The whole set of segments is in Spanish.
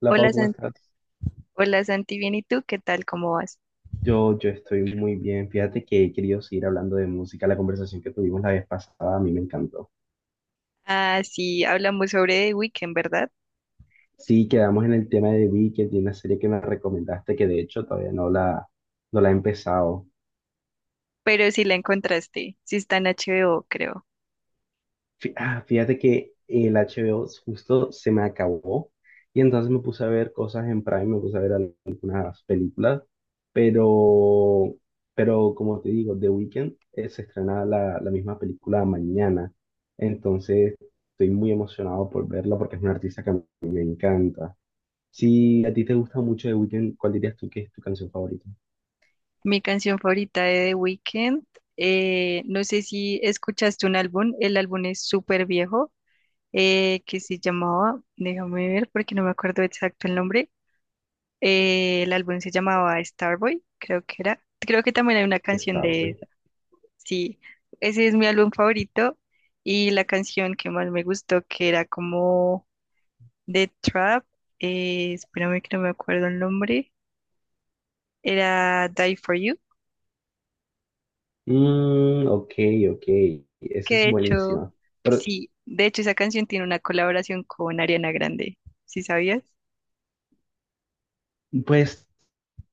Hola Pau, Hola ¿cómo estás? Santi, bien, ¿y tú? ¿Qué tal? ¿Cómo vas? Yo estoy muy bien. Fíjate que he querido seguir hablando de música. La conversación que tuvimos la vez pasada a mí me encantó. Ah, sí, hablamos sobre The Weeknd, ¿verdad? Sí, quedamos en el tema de Wicked y una serie que me recomendaste que de hecho todavía no la, no la he empezado. Pero sí la encontraste, sí está en HBO, creo. Fíjate que el HBO justo se me acabó y entonces me puse a ver cosas en Prime, me puse a ver algunas películas, pero, pero como te digo, The Weeknd se estrena la misma película mañana, entonces estoy muy emocionado por verla porque es un artista que a mí me encanta. Si a ti te gusta mucho The Weeknd, ¿cuál dirías tú que es tu canción favorita? Mi canción favorita de The Weeknd, no sé si escuchaste un álbum, el álbum es súper viejo, que se llamaba, déjame ver porque no me acuerdo exacto el nombre, el álbum se llamaba Starboy, creo que era. Creo que también hay una canción Star, güey. de. Sí, ese es mi álbum favorito y la canción que más me gustó, que era como The Trap, espérame que no me acuerdo el nombre, era Die For You, Mm, ok, ok, eso que es de hecho, buenísimo. Pero, sí, de hecho esa canción tiene una colaboración con Ariana Grande, ¿sí sabías? pues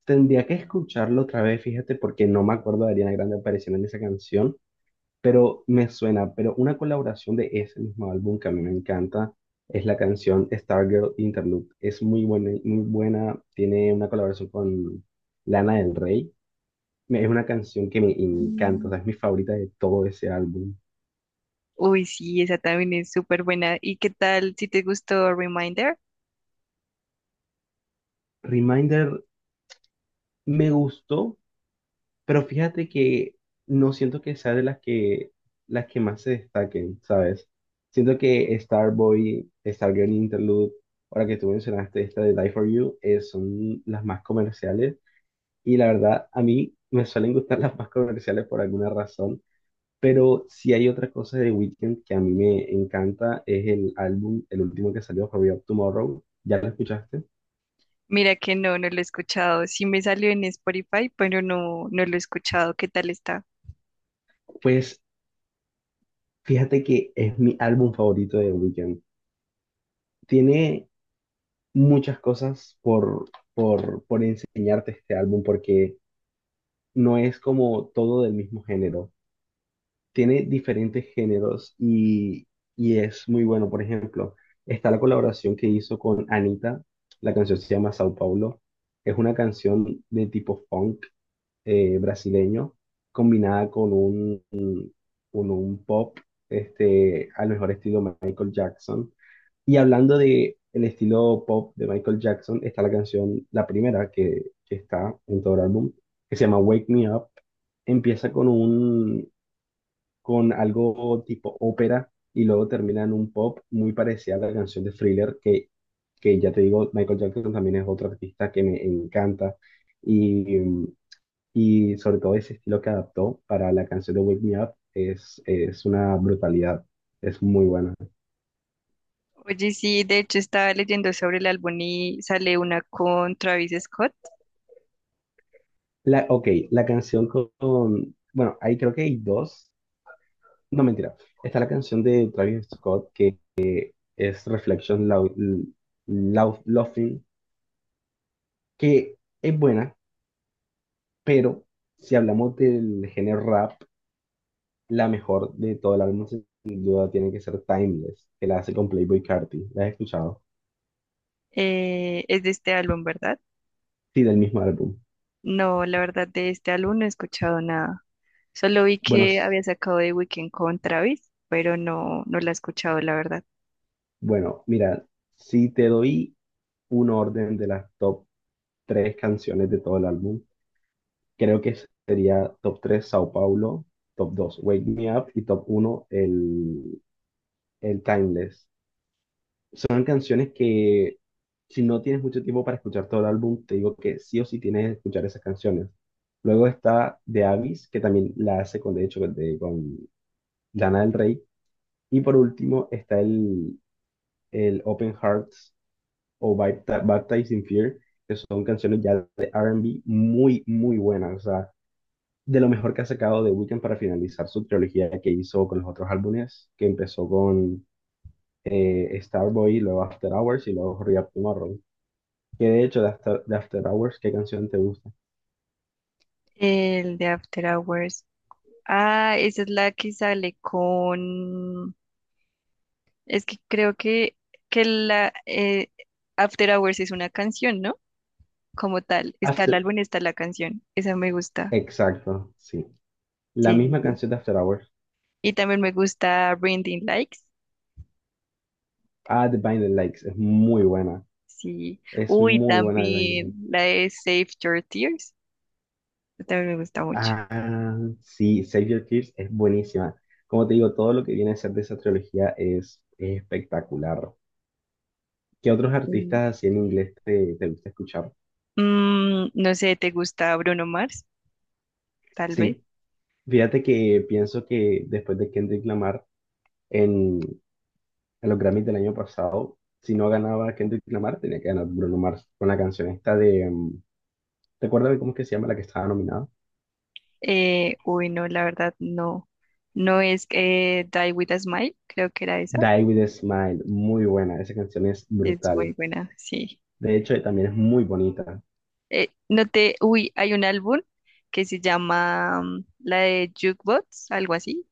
tendría que escucharlo otra vez, fíjate, porque no me acuerdo de Ariana Grande apareciendo en esa canción, pero me suena, pero una colaboración de ese mismo álbum que a mí me encanta es la canción Stargirl Interlude. Es muy buena, tiene una colaboración con Lana del Rey. Es una canción que me encanta, o Mm. sea, es mi favorita de todo ese álbum. Uy, sí, esa también es súper buena. ¿Y qué tal si te gustó Reminder? Reminder me gustó, pero fíjate que no siento que sea de las que más se destaquen, ¿sabes? Siento que Starboy, Stargirl Interlude, ahora que tú mencionaste esta de Die For You, son las más comerciales. Y la verdad, a mí me suelen gustar las más comerciales por alguna razón. Pero si hay otra cosa de Weeknd que a mí me encanta, es el álbum, el último que salió, For Up Tomorrow. ¿Ya lo escuchaste? Mira que no, no lo he escuchado. Sí me salió en Spotify, pero no, no lo he escuchado. ¿Qué tal está? Pues fíjate que es mi álbum favorito de Weeknd. Tiene muchas cosas por enseñarte este álbum porque no es como todo del mismo género. Tiene diferentes géneros, y es muy bueno. Por ejemplo, está la colaboración que hizo con Anita. La canción se llama Sao Paulo. Es una canción de tipo funk brasileño combinada con con un pop, este, al mejor estilo Michael Jackson. Y hablando de el estilo pop de Michael Jackson, está la canción, la primera que está en todo el álbum, que se llama Wake Me Up. Empieza con algo tipo ópera y luego termina en un pop muy parecida a la canción de Thriller, que ya te digo, Michael Jackson también es otro artista que me encanta. Y, y sobre todo ese estilo que adaptó para la canción de Wake Me Up es una brutalidad, es muy buena. Oye, sí, de hecho estaba leyendo sobre el álbum y sale una con Travis Scott. La, ok, la canción con, Bueno, ahí creo que hay dos. No, mentira. Está la canción de Travis Scott que es Reflection Laughing, que es buena, pero si hablamos del género rap, la mejor de todo el álbum sin duda tiene que ser Timeless, que la hace con Playboi Carti. ¿La has escuchado? Es de este álbum, ¿verdad? Sí, del mismo álbum. No, la verdad de este álbum no he escuchado nada. Solo vi Bueno, que s- había sacado The Weeknd con Travis, pero no, no la he escuchado, la verdad. bueno, mira, si te doy un orden de las top tres canciones de todo el álbum, creo que sería top 3 Sao Paulo, top 2 Wake Me Up y top uno el Timeless. Son canciones que si no tienes mucho tiempo para escuchar todo el álbum, te digo que sí o sí tienes que escuchar esas canciones. Luego está The Abyss, que también la hace con, de hecho, con Lana del Rey. Y por último está el Open Hearts o Baptized in Fear, que son canciones ya de R&B muy buenas. O sea, de lo mejor que ha sacado The Weeknd para finalizar su trilogía que hizo con los otros álbumes, que empezó con Starboy, luego After Hours y luego Hurry Up Tomorrow. Que de hecho, de After Hours, ¿qué canción te gusta? El de After Hours. Ah, esa es la que sale con... Es que creo que la After Hours es una canción, ¿no? Como tal. Está el After- álbum, está la canción. Esa me gusta. exacto, sí. La Sí, sí, misma sí. canción de After Hours. Y también me gusta Blinding Likes. Ah, The Blinding Lights, es muy buena. Sí. Es Uy, muy buena The Blinding también Lights. la de Save Your Tears, también me gusta mucho. Ah, sí, Save Your Tears es buenísima. Como te digo, todo lo que viene a ser de esa trilogía es espectacular. ¿Qué otros Mm. artistas así en inglés te gusta escuchar? Mm, no sé, ¿te gusta Bruno Mars? Tal vez. Sí, fíjate que pienso que después de Kendrick Lamar en los Grammys del año pasado, si no ganaba Kendrick Lamar, tenía que ganar Bruno Mars con la canción esta de, ¿te acuerdas de cómo es que se llama la que estaba nominada? Uy, no, la verdad no. No es Die With a Smile, creo que era esa. Die With a Smile, muy buena, esa canción es Es muy brutal. buena, sí. De hecho, también es muy bonita. No te, uy, hay un álbum que se llama la de Jukebox, algo así,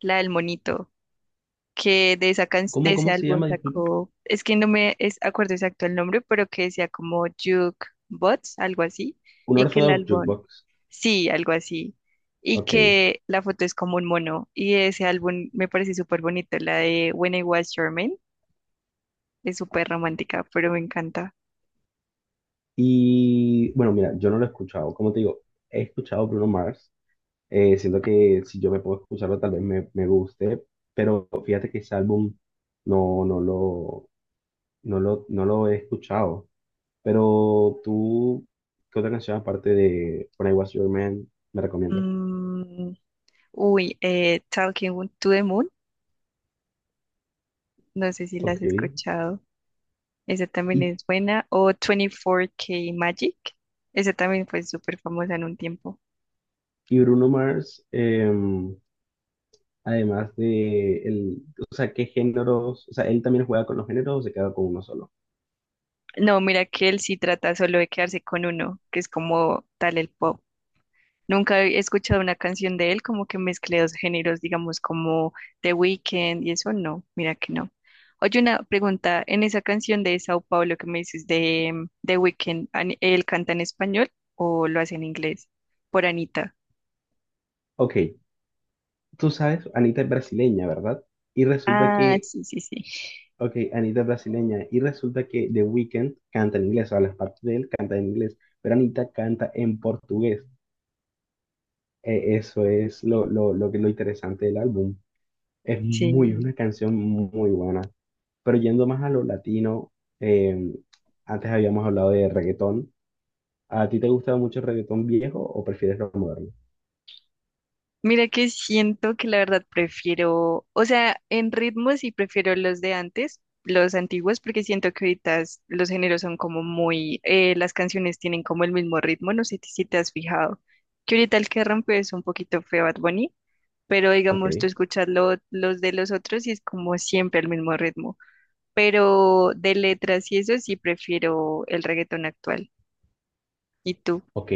la del monito, que de esa de ¿Cómo, ese cómo se álbum llama? Disculpe. sacó, es que no me es, acuerdo exacto el nombre, pero que decía como Jukebox, algo así, Un y que el Orthodox álbum. Jukebox. Sí, algo así. Y Ok. que la foto es como un mono. Y ese álbum me parece súper bonito. La de When I Was Your Man es súper romántica, pero me encanta. Y bueno, mira, yo no lo he escuchado. Como te digo, he escuchado Bruno Mars. Siento que si yo me puedo escucharlo, tal vez me guste, pero fíjate que ese álbum no, no lo, no lo he escuchado. Pero tú, ¿qué otra canción aparte de When I Was Your Man me recomiendas? Mm, uy, Talking to the Moon. No sé si la has Ok. Escuchado. Esa también es buena. O 24K Magic. Esa también fue súper famosa en un tiempo. Y Bruno Mars, además de o sea, ¿qué géneros? O sea, ¿él también juega con los géneros o se queda con uno solo? No, mira que él sí trata solo de quedarse con uno, que es como tal el pop. Nunca he escuchado una canción de él como que mezcle dos géneros, digamos, como The Weeknd y eso, no, mira que no. Oye, una pregunta, en esa canción de Sao Paulo que me dices de The Weeknd, ¿él canta en español o lo hace en inglés? Por Anita. Ok, tú sabes, Anita es brasileña, ¿verdad? Y resulta Ah, que sí, sí, sí. Ok, Anita es brasileña. Y resulta que The Weeknd canta en inglés, o sea, las partes de él canta en inglés, pero Anita canta en portugués. Eso es lo interesante del álbum. Es Sí. muy, una canción muy buena. Pero yendo más a lo latino, eh, antes habíamos hablado de reggaetón. ¿A ti te gusta mucho el reggaetón viejo o prefieres lo moderno? Mira que siento que la verdad prefiero, o sea, en ritmos sí prefiero los de antes, los antiguos, porque siento que ahorita los géneros son como muy, las canciones tienen como el mismo ritmo, no sé si te has fijado, que ahorita el que rompe es un poquito feo Bad Bunny, pero Ok, digamos tú escuchas los de los otros y es como siempre el mismo ritmo, pero de letras y eso sí prefiero el reggaetón actual. ¿Y tú? ok.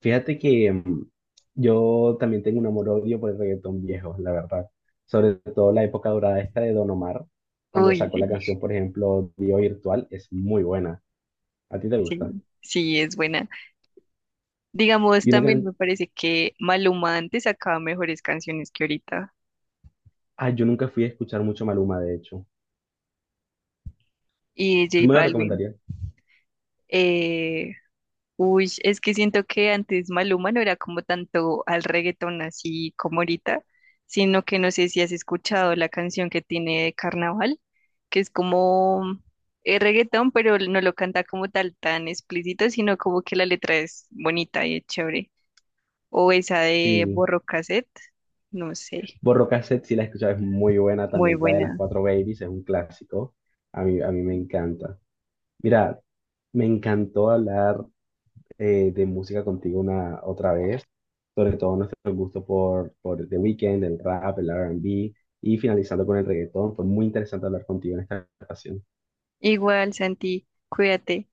Fíjate que mm, yo también tengo un amor-odio por el reggaetón viejo, la verdad. Sobre todo la época dorada esta de Don Omar, cuando Uy, sacó sí, la canción, por ejemplo, Dio Virtual, es muy buena. ¿A ti te sí, gusta? sí, es buena. Digamos, Y una también can... me parece que Maluma antes sacaba mejores canciones que ahorita. Ah, yo nunca fui a escuchar mucho Maluma, de hecho. Y ¿Tú J me lo Balvin. recomendarías? Eh, uy, es que siento que antes Maluma no era como tanto al reggaetón así como ahorita, sino que no sé si has escuchado la canción que tiene de Carnaval, que es como reggaetón, pero no lo canta como tal tan explícito, sino como que la letra es bonita y es chévere. O esa de Sí. Borro Cassette, no sé, Borro Cassette, si la escuchas, es muy buena. muy También la de las buena. cuatro babies, es un clásico. A mí me encanta. Mira, me encantó hablar de música contigo una otra vez, sobre todo nuestro gusto por The Weeknd, el rap, el R&B y finalizando con el reggaetón. Fue muy interesante hablar contigo en esta ocasión. Igual, Santi, cuídate.